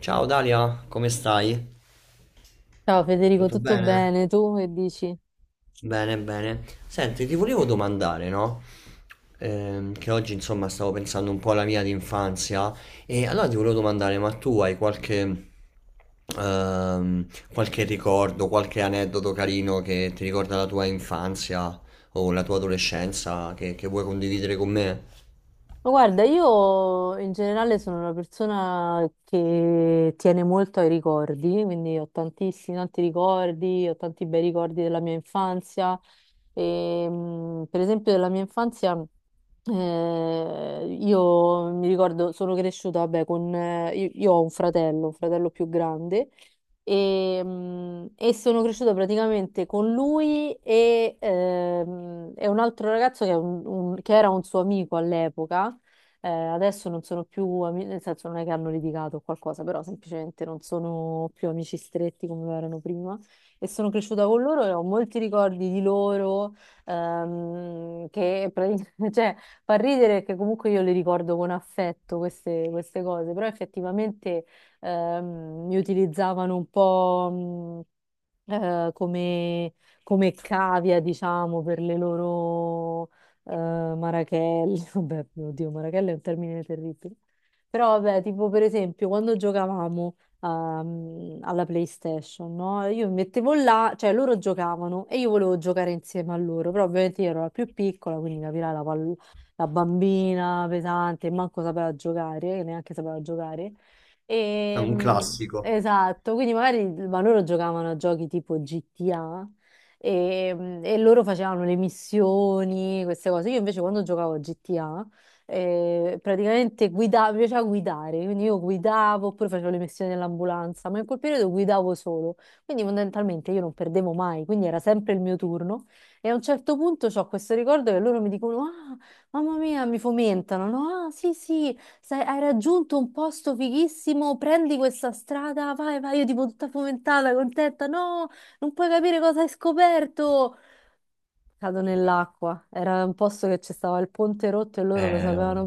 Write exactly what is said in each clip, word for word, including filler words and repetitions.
Ciao Dalia, come stai? Ciao Federico, Tutto tutto bene? bene? Tu che dici? Bene, bene. Senti, ti volevo domandare, no? Ehm, che oggi, insomma, stavo pensando un po' alla mia di infanzia, e allora ti volevo domandare, ma tu hai qualche, ehm, qualche ricordo, qualche aneddoto carino che ti ricorda la tua infanzia o la tua adolescenza che, che vuoi condividere con me? Ma guarda, io in generale sono una persona che tiene molto ai ricordi, quindi ho tantissimi, tanti ricordi, ho tanti bei ricordi della mia infanzia. E, mh, per esempio, della mia infanzia, eh, io mi ricordo, sono cresciuta, vabbè, con, eh, io, io ho un fratello, un fratello più grande, e, mh, e sono cresciuta praticamente con lui e, ehm, e un altro ragazzo che è un- un- che era un suo amico all'epoca. Eh, adesso non sono più amici, nel senso non è che hanno litigato o qualcosa, però semplicemente non sono più amici stretti come erano prima e sono cresciuta con loro e ho molti ricordi di loro, ehm, che praticamente, cioè, fa ridere che comunque io le ricordo con affetto queste, queste cose, però effettivamente ehm, mi utilizzavano un po', mh, eh, come, come cavia, diciamo, per le loro Marachelli. Vabbè, oddio, Marachelli è un termine terribile. Però vabbè, tipo per esempio quando giocavamo, ehm, alla PlayStation, no? Io mi mettevo là, cioè loro giocavano e io volevo giocare insieme a loro, però ovviamente io ero la più piccola, quindi capirai la, pall- la bambina pesante, manco sapeva giocare, che neanche sapeva giocare. È E, un mm, classico. esatto, quindi magari ma loro giocavano a giochi tipo G T A e, e loro facevano le missioni, queste cose. Io invece quando giocavo a G T A, eh, praticamente guidavo, mi piaceva guidare, quindi io guidavo oppure facevo le missioni dell'ambulanza, ma in quel periodo guidavo solo, quindi fondamentalmente io non perdevo mai, quindi era sempre il mio turno. E a un certo punto ho questo ricordo che loro mi dicono: "Ah, mamma mia", mi fomentano, no? "Ah, sì, sì, sai, hai raggiunto un posto fighissimo, prendi questa strada, vai, vai", io tipo tutta fomentata, contenta, no? "Non puoi capire cosa hai scoperto." Cado nell'acqua. Era un posto che ci stava il ponte rotto e È, loro lo sapevano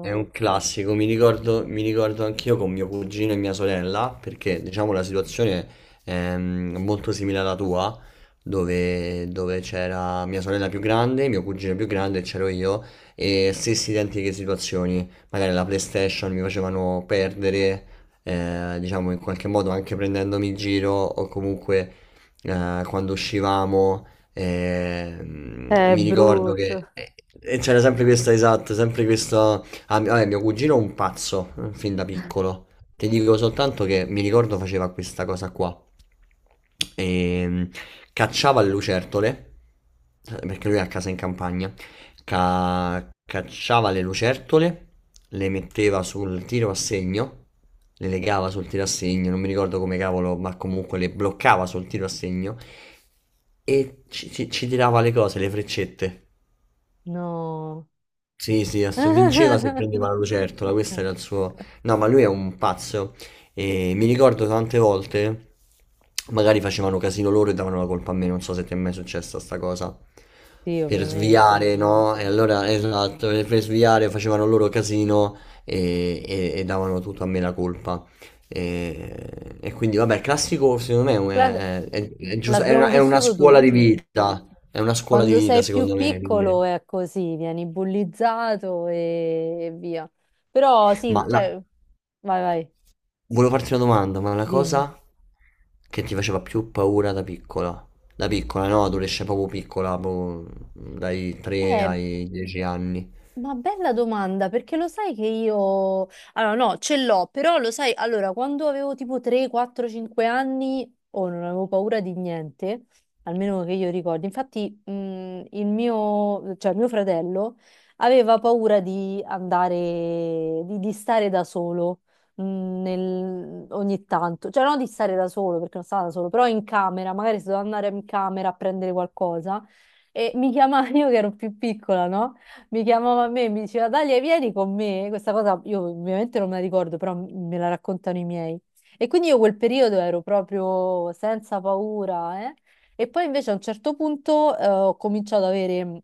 è un classico, mi ricordo, mi ricordo anch'io con mio cugino e mia sorella, perché diciamo la situazione è mm, molto simile alla tua, dove, dove c'era mia sorella più grande, mio cugino più grande e c'ero io, e stesse identiche situazioni. Magari la PlayStation mi facevano perdere, eh, diciamo, in qualche modo, anche prendendomi in giro, o comunque eh, quando uscivamo. E, mm, È Mi ricordo che brutto. e- e c'era sempre questa, esatta, sempre questa... Ah, mi- vabbè, mio cugino è un pazzo, eh, fin da piccolo. Ti dico soltanto che mi ricordo faceva questa cosa qua. E, mm, Cacciava le lucertole, eh, perché lui è a casa in campagna. Ca- cacciava le lucertole, le metteva sul tiro a segno, le legava sul tiro a segno, non mi ricordo come cavolo, ma comunque le bloccava sul tiro a segno e ci, ci- ci tirava le cose, le freccette. No. Sì, sì, ass- vinceva se prendeva la lucertola, questo era il suo... No, ma lui è un pazzo. E mi ricordo tante volte magari facevano casino loro e davano la colpa a me, non so se ti è mai successa sta cosa. Sì, Per ovviamente. sviare, no? E allora, esatto, e per sviare facevano loro casino e, e- e davano tutto a me la colpa. E, e quindi, vabbè, il classico, secondo me, La- è, è- è- è giusto, è una, L'abbiamo è una vissuto scuola di tutti. vita. È una scuola di Quando vita, sei più secondo me, piccolo quindi. è così, vieni bullizzato e, e via. Però sì, Ma la... cioè, vai, vai, Volevo farti una domanda. Ma la dimmi. cosa che ti faceva più paura da piccola? Da piccola, no? Adolescente, proprio piccola, proprio dai tre Eh, ai dieci anni. Ma bella domanda, perché lo sai che io... Allora, no, ce l'ho, però lo sai, allora, quando avevo tipo tre, quattro, cinque anni, oh, non avevo paura di niente, almeno che io ricordi. Infatti, mh, il mio, cioè mio fratello aveva paura di andare, di, di stare da solo, mh, nel- ogni tanto. Cioè, non di stare da solo, perché non stava da solo, però in camera, magari se doveva andare in camera a prendere qualcosa, e mi chiamava, io che ero più piccola, no? Mi chiamava a me e mi diceva: "Dalia, vieni con me." Questa cosa io ovviamente non me la ricordo, però m- me la raccontano i miei. E quindi io quel periodo ero proprio senza paura, eh. E poi invece a un certo punto, eh, ho cominciato ad avere, mm,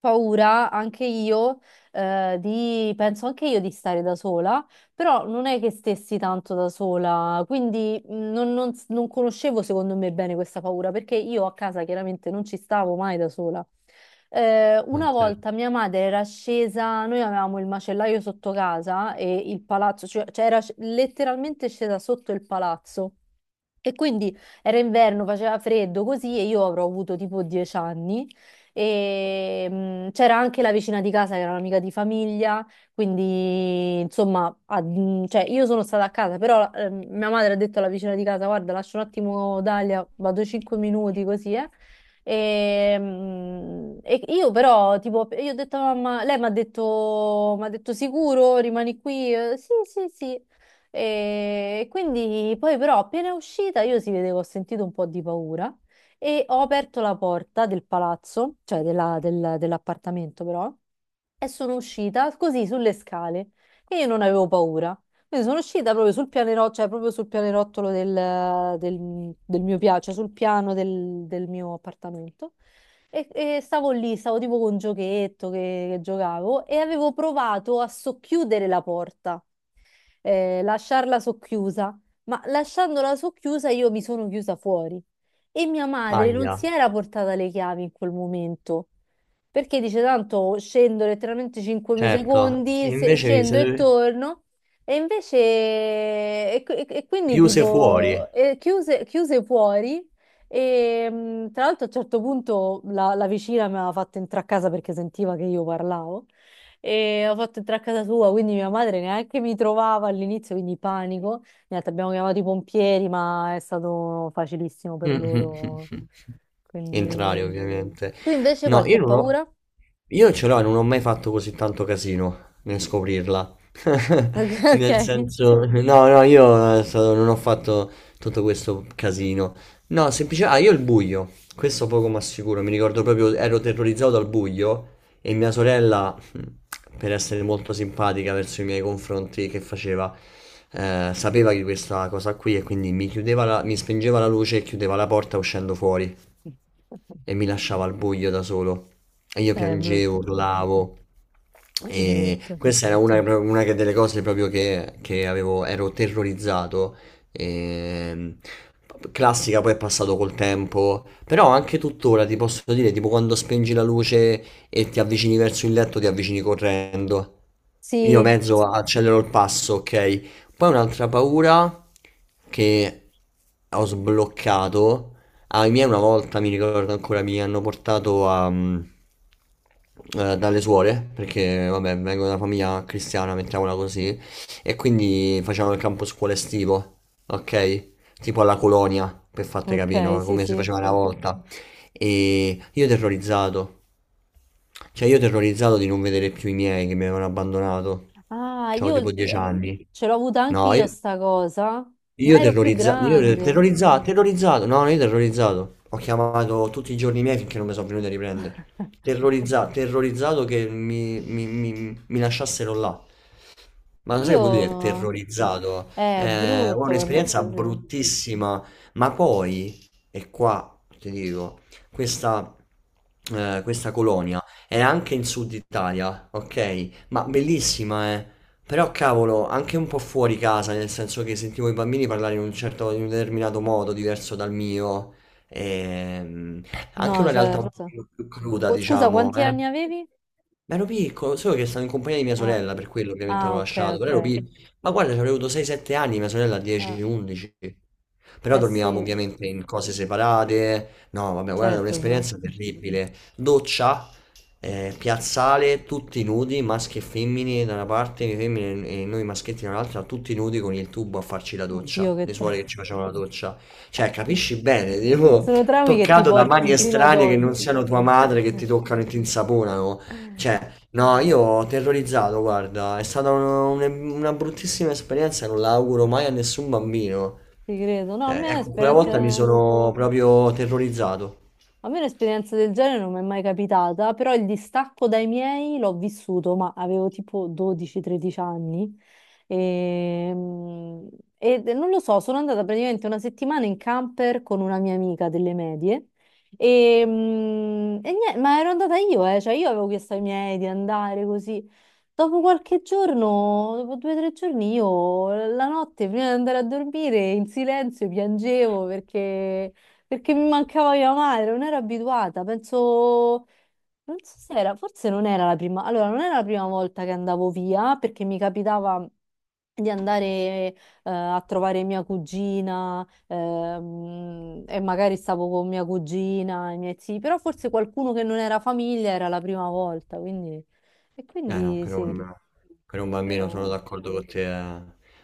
paura anche io, eh, di, penso anche io di stare da sola, però non è che stessi tanto da sola, quindi mh, non, non s- non conoscevo secondo me bene questa paura, perché io a casa chiaramente non ci stavo mai da sola. Eh, Eh, una volta certo. mia madre era scesa, noi avevamo il macellaio sotto casa e il palazzo, cioè, cioè era sc- letteralmente scesa sotto il palazzo. E quindi era inverno, faceva freddo così e io avrò avuto tipo dieci anni e mh, c'era anche la vicina di casa che era un'amica di famiglia, quindi, insomma, a- mh, cioè, io sono stata a casa, però ehm, mia madre ha detto alla vicina di casa: "Guarda, lascio un attimo Dalia, vado cinque minuti così, eh." E, mh, e io però, tipo, io ho detto a mamma, lei mi ha detto, mi ha detto: "Sicuro, rimani qui?" Eh, "Sì, sì, sì." E quindi poi però appena uscita io si vedevo, ho sentito un po' di paura e ho aperto la porta del palazzo, cioè della- del- dell'appartamento, però, e sono uscita così sulle scale e io non avevo paura. Quindi sono uscita proprio sul pianerottolo, cioè proprio sul pianerottolo del, del- del mio piano, cioè sul piano del, del mio appartamento. E, e stavo lì, stavo tipo con un giochetto che che giocavo e avevo provato a socchiudere la porta, eh, lasciarla socchiusa, ma lasciandola socchiusa io mi sono chiusa fuori e mia madre non Aia, si era portata le chiavi in quel momento. Perché dice tanto scendo letteralmente cinque certo. E secondi, se- invece vi scendo e siete torno. E invece, e, qui- e quindi chiuse fuori. tipo, eh, chiuse, chiuse fuori. E mh, tra l'altro a un certo punto la, la vicina mi aveva fatto entrare a casa perché sentiva che io parlavo, e ho fatto entrare a casa sua, quindi mia madre neanche mi trovava all'inizio, quindi panico. Niente, abbiamo chiamato i pompieri, ma è stato facilissimo per Mh-mh, loro. mh-mh. Entrare, Quindi... ovviamente. Tu invece No, qualche io non ho, paura? io ce l'ho e non ho mai fatto così tanto casino nel scoprirla. Nel Ok. senso, no, no, io è stato, non ho fatto tutto questo casino. No, semplicemente, ah, io il buio, questo poco ma sicuro, mi ricordo proprio, ero terrorizzato dal buio. E mia sorella, mm, per essere molto simpatica verso i miei confronti, che faceva? Eh, sapeva di questa cosa qui, e quindi mi chiudeva la- mi spengeva la luce e chiudeva la porta uscendo fuori, Ok. e mi lasciava al buio da solo. E io Eh, piangevo, brutto, urlavo. E brutto. questa era una, una che- delle cose proprio che, che avevo, ero terrorizzato. Ehm, Classica, poi è passato col tempo. Però anche tuttora ti posso dire, tipo, quando spengi la luce e ti avvicini verso il letto, ti avvicini correndo. Io Sì, mezzo accelero il passo, ok? Poi un'altra paura che ho sbloccato ai miei una volta, mi ricordo ancora, mi hanno portato a, mm, eh, dalle suore, perché, vabbè, vengo da una famiglia cristiana, mettiamola così, e quindi facevano il campo scuola estivo, ok? Tipo alla colonia, per farti capire, ok, no? sì, Come si sì. faceva una volta. E io terrorizzato, cioè io terrorizzato di non vedere più i miei, che mi avevano abbandonato. Ah, C'avevo io, tipo dieci eh, anni. ce l'ho avuta anche No, io io... sta cosa, ma Io ero più terrorizzato, io grande. terrorizzato, terrorizzato, no, io terrorizzato. Ho chiamato tutti i giorni miei finché non mi sono venuti a riprendere. Terrorizzato, terrorizzato che mi, mi- mi- mi lasciassero là. Ma lo sai che vuol dire Io... terrorizzato? eh, È Eh, ho brutto quando è un'esperienza così. bruttissima, ma poi, e qua ti dico, questa, eh, questa colonia era anche in Sud Italia, ok? Ma bellissima, eh? Però cavolo, anche un po' fuori casa, nel senso che sentivo i bambini parlare in un certo, in un determinato modo, diverso dal mio. Ehm, Anche No, una realtà un certo. pochino più cruda, Qu- Scusa, diciamo, quanti eh. anni avevi? Ma ero piccolo, solo che stavo in compagnia di mia Ah, sorella, per quello ovviamente l'ho ah, ok, lasciato, però ero ok. piccolo. Ma guarda, ci avrei avuto sei sette anni, mia sorella Ah, dieci undici. Però eh dormivamo sì, ovviamente in cose separate. No, vabbè, guarda, è certo. ma- un'esperienza terribile. Doccia, eh, piazzale, tutti nudi, maschi e femmine da una parte, le femmine, e noi maschietti dall'altra, tutti nudi con il tubo a farci la Oddio, doccia. che Le suore traumi. che ci facevano la doccia. Cioè, capisci bene, tipo, Sono traumi che ti toccato da mani porti fino ad estranee che non oggi. siano tua madre, che ti toccano e ti insaponano. Cioè, no, io ho terrorizzato, guarda, è stata un- un- una bruttissima esperienza, e non la auguro mai a nessun bambino. Ti credo. No, a Cioè, me ecco, quella esperienze. volta mi sono proprio terrorizzato. A me un'esperienza del genere non mi è mai capitata, però il distacco dai miei l'ho vissuto, ma avevo tipo dodici tredici anni. E, mm, e non lo so, sono andata praticamente una settimana in camper con una mia amica delle medie. E, mm, e niente, ma ero andata io, eh, cioè io avevo chiesto ai miei di andare così. Dopo qualche giorno, dopo due o tre giorni, io la notte prima di andare a dormire in silenzio piangevo perché... Perché mi mancava mia madre, non ero abituata, penso, non so se era, forse non era la prima, allora non era la prima volta che andavo via, perché mi capitava di andare, eh, a trovare mia cugina, ehm, e magari stavo con mia cugina e i miei zii, però forse qualcuno che non era famiglia era la prima volta, quindi... E Eh no, quindi per sì, un, per un bambino sono però, d'accordo con te, eh.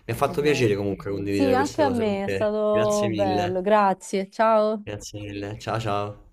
Mi ha fatto esatto. piacere comunque Sì, condividere anche queste a cose con me è te. Grazie stato bello, mille. grazie, ciao. Grazie mille. Ciao ciao.